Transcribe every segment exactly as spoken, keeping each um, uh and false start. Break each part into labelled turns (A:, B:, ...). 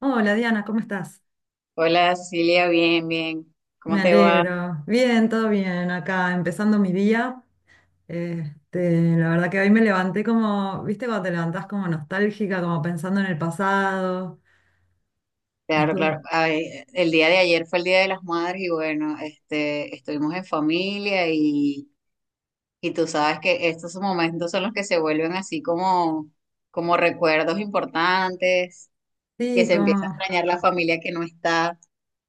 A: Hola Diana, ¿cómo estás?
B: Hola, Silvia, bien, bien.
A: Me
B: ¿Cómo te va?
A: alegro. Bien, todo bien acá, empezando mi día. Este, la verdad que hoy me levanté como, viste, cuando te levantás como nostálgica, como pensando en el pasado.
B: Claro,
A: Estuve,
B: claro. Ay, el día de ayer fue el Día de las Madres y bueno, este, estuvimos en familia y, y tú sabes que estos momentos son los que se vuelven así como, como recuerdos importantes, que
A: sí,
B: se empieza a
A: como,
B: extrañar la familia que no está.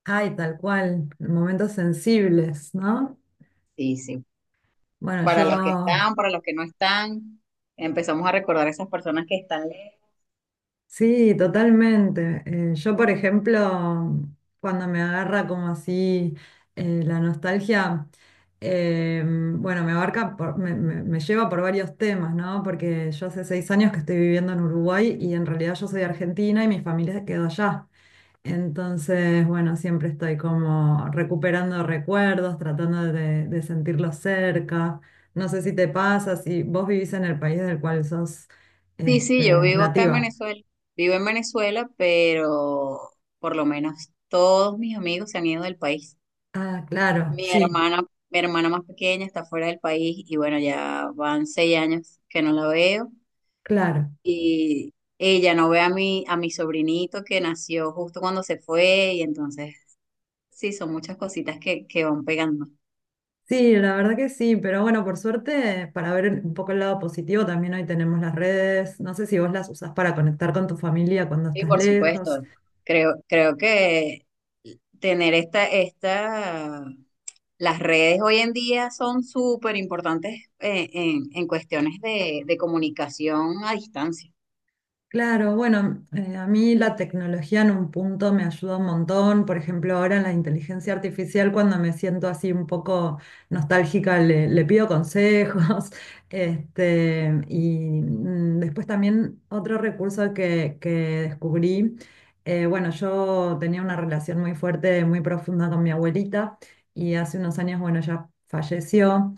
A: ay, tal cual, momentos sensibles, ¿no?
B: Sí, sí.
A: Bueno,
B: Para
A: yo.
B: los que están, para los que no están, empezamos a recordar a esas personas que están lejos.
A: Sí, totalmente. Eh, yo, por ejemplo, cuando me agarra como así eh, la nostalgia, eh, bueno, me abarca, por- me, me- me lleva por varios temas, ¿no? Porque yo hace seis años que estoy viviendo en Uruguay, y en realidad yo soy argentina y mi familia se quedó allá. Entonces, bueno, siempre estoy como recuperando recuerdos, tratando de, de sentirlos cerca. No sé si te pasa, si vos vivís en el país del cual sos,
B: Sí,
A: este,
B: sí, yo vivo acá en
A: nativa.
B: Venezuela, vivo en Venezuela, pero por lo menos todos mis amigos se han ido del país.
A: Ah, claro,
B: Mi
A: sí,
B: hermana, mi hermana más pequeña está fuera del país y bueno, ya van seis años que no la veo
A: claro.
B: y ella no ve a mi, a mi sobrinito que nació justo cuando se fue y entonces sí, son muchas cositas que, que van pegando.
A: Sí, la verdad que sí, pero bueno, por suerte, para ver un poco el lado positivo, también hoy tenemos las redes. No sé si vos las usás para conectar con tu familia cuando
B: Y
A: estás
B: por
A: lejos.
B: supuesto, creo, creo que tener esta, esta las redes hoy en día son súper importantes eh, en, en cuestiones de, de comunicación a distancia.
A: Claro, bueno, eh, a mí la tecnología en un punto me ayuda un montón. Por ejemplo, ahora en la inteligencia artificial, cuando me siento así un poco nostálgica, le, le pido consejos. Este, y mm, después también otro recurso que, que descubrí, eh, bueno, yo tenía una relación muy fuerte, muy profunda con mi abuelita, y hace unos años, bueno, ella falleció.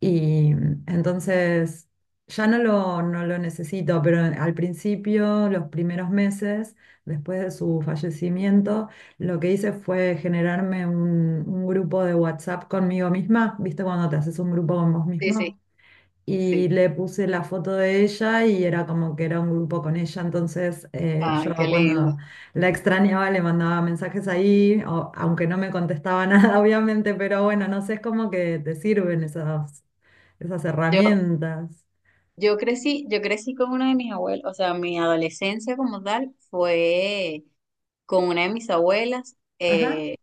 A: Y mm, entonces ya no lo, no lo necesito, pero al principio, los primeros meses, después de su fallecimiento, lo que hice fue generarme un, un grupo de WhatsApp conmigo misma, ¿viste? Cuando te haces un grupo con vos
B: Sí, sí.
A: mismo. Y
B: Sí,
A: le puse la foto de ella, y era como que era un grupo con ella. Entonces, eh,
B: ay,
A: yo
B: qué lindo.
A: cuando la extrañaba le mandaba mensajes ahí, o- aunque no me contestaba nada, obviamente, pero bueno, no sé, es como que te sirven esas, esas
B: Yo,
A: herramientas.
B: yo crecí, yo crecí con una de mis abuelas, o sea, mi adolescencia como tal fue con una de mis abuelas.
A: Ajá.
B: eh,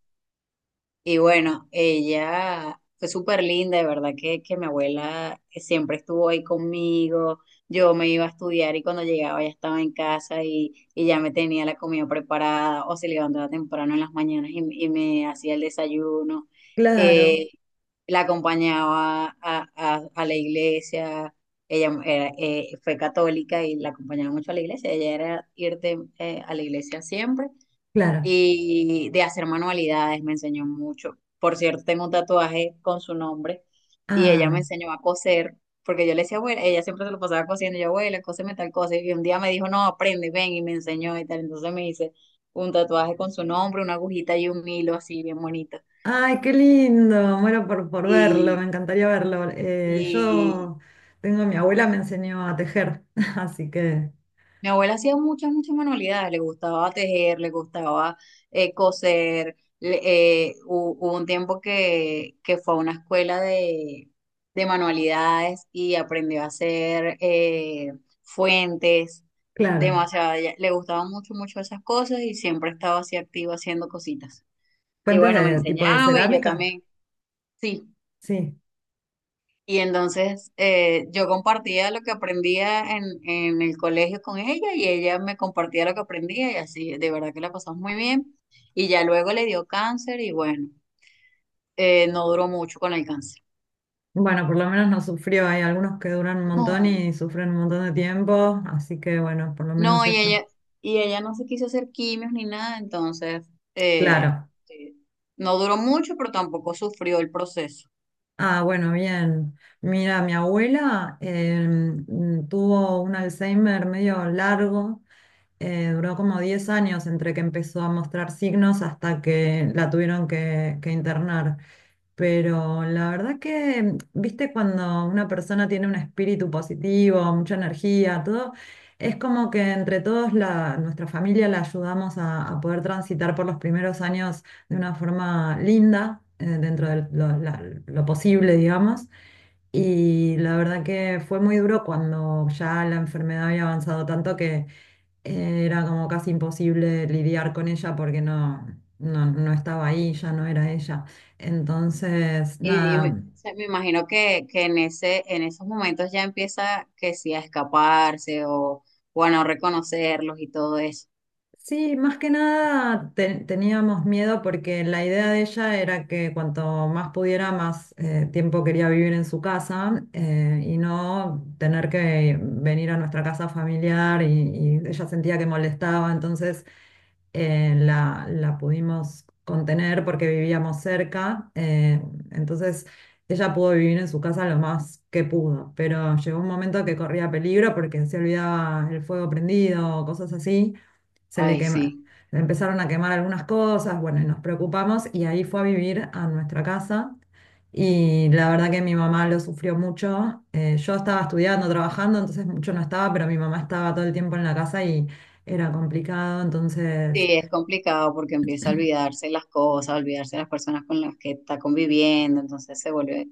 B: Y bueno, ella fue súper linda, de verdad que, que mi abuela siempre estuvo ahí conmigo. Yo me iba a estudiar y cuando llegaba ya estaba en casa y, y ya me tenía la comida preparada o se levantaba temprano en las mañanas y, y me hacía el desayuno.
A: Claro,
B: Eh, la acompañaba a, a- a la iglesia. Ella era, eh, fue católica y la acompañaba mucho a la iglesia. Ella era irte eh, a la iglesia siempre
A: claro.
B: y de hacer manualidades, me enseñó mucho. Por cierto, tengo un tatuaje con su nombre y ella me
A: Ah,
B: enseñó a coser, porque yo le decía, abuela, ella siempre se lo pasaba cosiendo, y yo, abuela, cóseme tal cosa, y un día me dijo, no, aprende, ven, y me enseñó y tal, entonces me hice un tatuaje con su nombre, una agujita y un hilo así bien bonito.
A: ay, qué lindo. Muero por, por verlo, me
B: Y,
A: encantaría verlo. Eh,
B: y
A: yo tengo, mi abuela me enseñó a tejer, así que,
B: Mi abuela hacía muchas, muchas manualidades, le gustaba tejer, le gustaba eh, coser. le- eh, hu- hubo un tiempo que, que fue a una escuela de, de manualidades y aprendió a hacer eh, fuentes,
A: claro.
B: demasiado. ella- Le gustaban mucho, mucho esas cosas y siempre estaba así activa haciendo cositas. Y
A: Fuentes
B: bueno, me
A: de tipo de
B: enseñaba y yo
A: cerámica,
B: también, sí.
A: sí.
B: Y entonces eh, yo compartía lo que aprendía en, en el colegio con ella y ella me compartía lo que aprendía y así, de verdad que la pasamos muy bien. Y ya luego le dio cáncer y bueno, eh, no duró mucho con el cáncer.
A: Bueno, por lo menos no sufrió. Hay algunos que duran un montón
B: No,
A: y sufren un montón de tiempo, así que bueno, por lo menos
B: no, y
A: eso.
B: ella, y ella no se quiso hacer quimios ni nada, entonces eh,
A: Claro.
B: eh, no duró mucho, pero tampoco sufrió el proceso.
A: Ah, bueno, bien. Mira, mi abuela em, tuvo un Alzheimer medio largo. Eh, duró como diez años entre que empezó a mostrar signos hasta que la tuvieron que, que internar. Pero la verdad que, viste, cuando una persona tiene un espíritu positivo, mucha energía, todo, es como que entre todos la, nuestra familia la ayudamos a, a poder transitar por los primeros años de una forma linda, eh, dentro de lo, la- lo posible, digamos. Y la verdad que fue muy duro cuando ya la enfermedad había avanzado tanto que eh, era como casi imposible lidiar con ella porque no, no, no estaba ahí, ya no era ella. Entonces,
B: Y me, o
A: nada,
B: sea, me imagino que, que en ese, en esos momentos ya empieza que sí a escaparse o, o a no reconocerlos y todo eso.
A: sí, más que nada te- teníamos miedo porque la idea de ella era que cuanto más pudiera, más eh, tiempo quería vivir en su casa, eh, y no tener que venir a nuestra casa familiar, y y ella sentía que molestaba, entonces eh, la, la pudimos contener porque vivíamos cerca, eh, entonces ella pudo vivir en su casa lo más que pudo, pero llegó un momento que corría peligro porque se olvidaba el fuego prendido, cosas así, se le
B: Ay, sí.
A: quema- le empezaron a quemar algunas cosas, bueno, y nos preocupamos, y ahí fue a vivir a nuestra casa. Y la verdad que mi mamá lo sufrió mucho. Eh, yo estaba estudiando, trabajando, entonces mucho no estaba, pero mi mamá estaba todo el tiempo en la casa, y era complicado. Entonces
B: Sí, es complicado porque empieza a olvidarse las cosas, a olvidarse las personas con las que está conviviendo, entonces se vuelve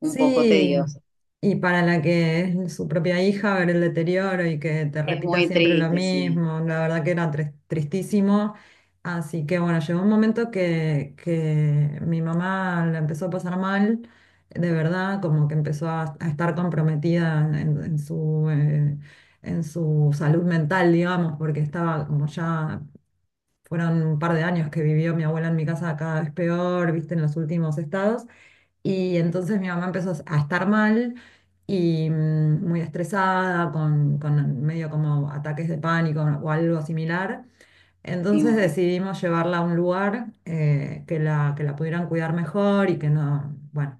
B: un poco
A: sí,
B: tedioso.
A: y para la que es su propia hija, ver el deterioro y que te
B: Es
A: repita
B: muy
A: siempre lo
B: triste, sí.
A: mismo, la verdad que era tris- tristísimo. Así que bueno, llegó un momento que, que mi mamá la empezó a pasar mal, de verdad, como que empezó a, a estar comprometida en, en- en su, eh, en su salud mental, digamos, porque estaba como ya, fueron un par de años que vivió mi abuela en mi casa cada vez peor, viste, en los últimos estados. Y entonces mi mamá empezó a estar mal y mm, muy estresada, con, con medio como ataques de pánico o algo similar.
B: Me
A: Entonces
B: imagino.
A: decidimos llevarla a un lugar, eh, que la, que la pudieran cuidar mejor, y que no, bueno,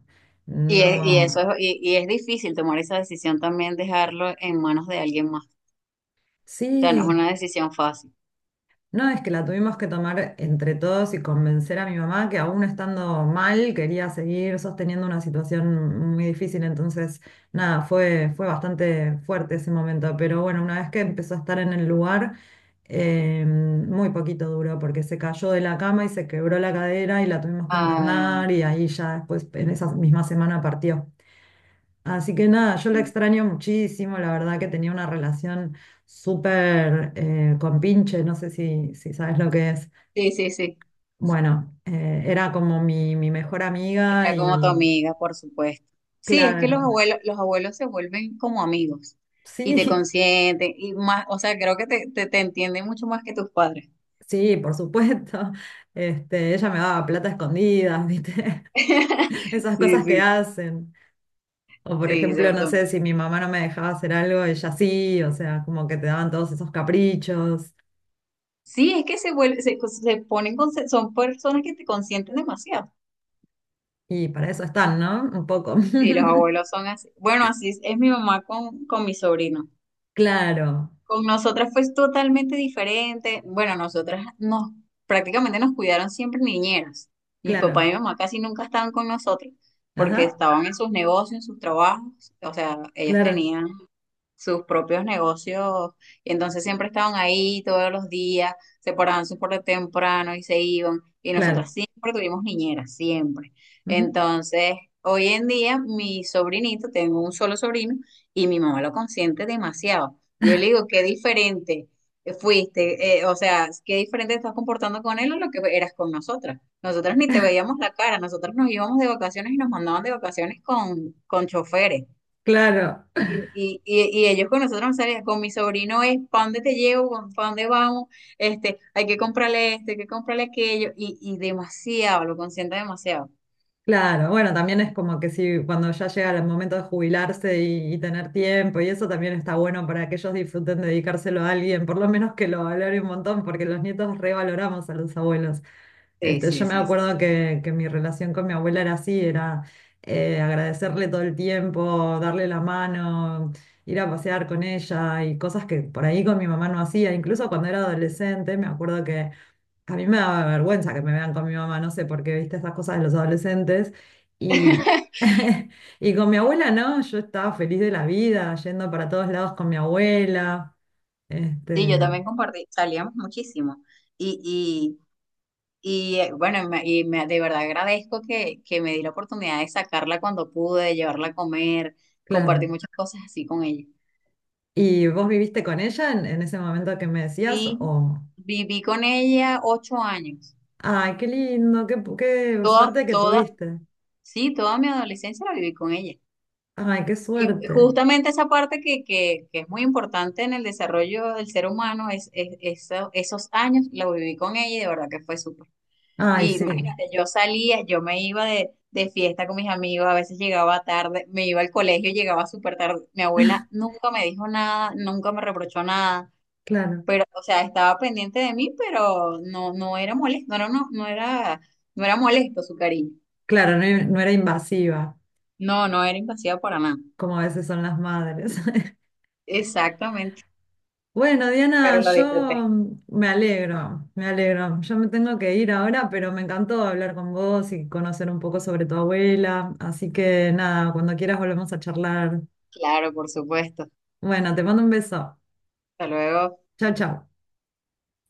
B: Y, es- y eso
A: no.
B: es, y, y es difícil tomar esa decisión también, dejarlo en manos de alguien más. O sea, no es
A: Sí.
B: una decisión fácil.
A: No, es que la tuvimos que tomar entre todos y convencer a mi mamá que aún estando mal quería seguir sosteniendo una situación muy difícil. Entonces, nada, fue, fue bastante fuerte ese momento. Pero bueno, una vez que empezó a estar en el lugar, eh, muy poquito duró porque se cayó de la cama y se quebró la cadera, y la tuvimos que internar,
B: Ay,
A: y ahí ya después, en esa misma semana, partió. Así que nada, yo la
B: sí,
A: extraño muchísimo, la verdad que tenía una relación súper eh, con Pinche, no sé si, si sabes lo que es.
B: sí, sí.
A: Bueno, eh, era como mi, mi mejor amiga,
B: Era como tu
A: y
B: amiga, por supuesto. Sí, es que los
A: claro,
B: abuelos, los abuelos se vuelven como amigos y te
A: sí,
B: consienten y más, o sea, creo que te, te, te entienden mucho más que tus padres.
A: sí, por supuesto. Este, ella me daba plata escondida, ¿viste? Esas
B: Sí,
A: cosas que
B: sí,
A: hacen. O por
B: sí, se-
A: ejemplo, no sé,
B: son-
A: si mi mamá no me dejaba hacer algo, ella sí, o sea, como que te daban todos esos caprichos,
B: sí, es que se vuelven, se, se ponen, con- son personas que te consienten demasiado.
A: y para eso están, ¿no? Un poco.
B: Sí, los abuelos son así. Bueno, así es, es mi mamá con, con mi sobrino.
A: Claro,
B: Con nosotras fue totalmente diferente. Bueno, nosotras nos prácticamente nos cuidaron siempre niñeras. Mi papá
A: claro,
B: y mi mamá casi nunca estaban con nosotros porque
A: ajá,
B: estaban en sus negocios, en sus trabajos. O sea, ellos
A: claro,
B: tenían sus propios negocios y entonces siempre estaban ahí todos los días, se paraban súper temprano y se iban y nosotras
A: claro,
B: siempre tuvimos niñeras, siempre.
A: ujú,
B: Entonces, hoy en día mi sobrinito, tengo un solo sobrino y mi mamá lo consiente demasiado. Yo le digo, qué diferente fuiste, eh, o sea, qué diferente estás comportando con él a lo que eras con nosotras. Nosotras ni te veíamos la cara, nosotras nos íbamos de vacaciones y nos mandaban de vacaciones con, con choferes.
A: claro.
B: Y, y, y- y ellos con nosotros no salían, con mi sobrino es, ¿para dónde te llevo? ¿Para dónde vamos? Este, hay que comprarle esto, hay que comprarle aquello, y, y demasiado, lo consiente demasiado.
A: Claro, bueno, también es como que si cuando ya llega el momento de jubilarse y, y tener tiempo y eso, también está bueno para que ellos disfruten de dedicárselo a alguien, por lo menos que lo valore un montón, porque los nietos revaloramos a los abuelos.
B: Sí,
A: Este,
B: sí,
A: yo me
B: sí, eso sí.
A: acuerdo que, que mi relación con mi abuela era así, era eh, agradecerle todo el tiempo, darle la mano, ir a pasear con ella, y cosas que por ahí con mi mamá no hacía. Incluso cuando era adolescente, me acuerdo que a mí me daba vergüenza que me vean con mi mamá, no sé por qué, viste esas cosas de los adolescentes. Y y con mi abuela, no, yo estaba feliz de la vida, yendo para todos lados con mi abuela.
B: Sí, yo
A: Este,
B: también compartí, salíamos muchísimo. Y, y, y eh, bueno, me- y me- de verdad agradezco que, que me di la oportunidad de sacarla cuando pude, llevarla a comer,
A: claro.
B: compartí muchas cosas así con ella.
A: ¿Y vos viviste con ella en, en ese momento que me decías?
B: Sí,
A: O,
B: viví con ella ocho años.
A: ay, qué lindo, qué, pu- qué
B: Toda,
A: suerte que
B: toda,
A: tuviste.
B: sí, toda mi adolescencia la viví con ella.
A: Ay, qué
B: Y
A: suerte.
B: justamente esa parte que, que, que es muy importante en el desarrollo del ser humano, es, es- eso- esos años lo viví con ella y de verdad que fue súper.
A: Ay,
B: Y
A: sí,
B: imagínate, yo salía, yo me iba de, de fiesta con mis amigos, a veces llegaba tarde, me iba al colegio, llegaba súper tarde. Mi abuela nunca me dijo nada, nunca me reprochó nada,
A: claro.
B: pero, o sea, estaba pendiente de mí, pero no, no era molesto, no era, no, no era, no era molesto su cariño.
A: Claro, no, no era invasiva,
B: No, no era invasiva para nada.
A: como a veces son las madres.
B: Exactamente,
A: Bueno, Diana,
B: pero la disfruté.
A: yo mm, me alegro, me alegro. Yo me tengo que ir ahora, pero me encantó hablar con vos y conocer un poco sobre tu abuela. Así que nada, cuando quieras volvemos a charlar.
B: Claro, por supuesto.
A: Bueno, te mando un beso.
B: Hasta luego.
A: Chao, chao.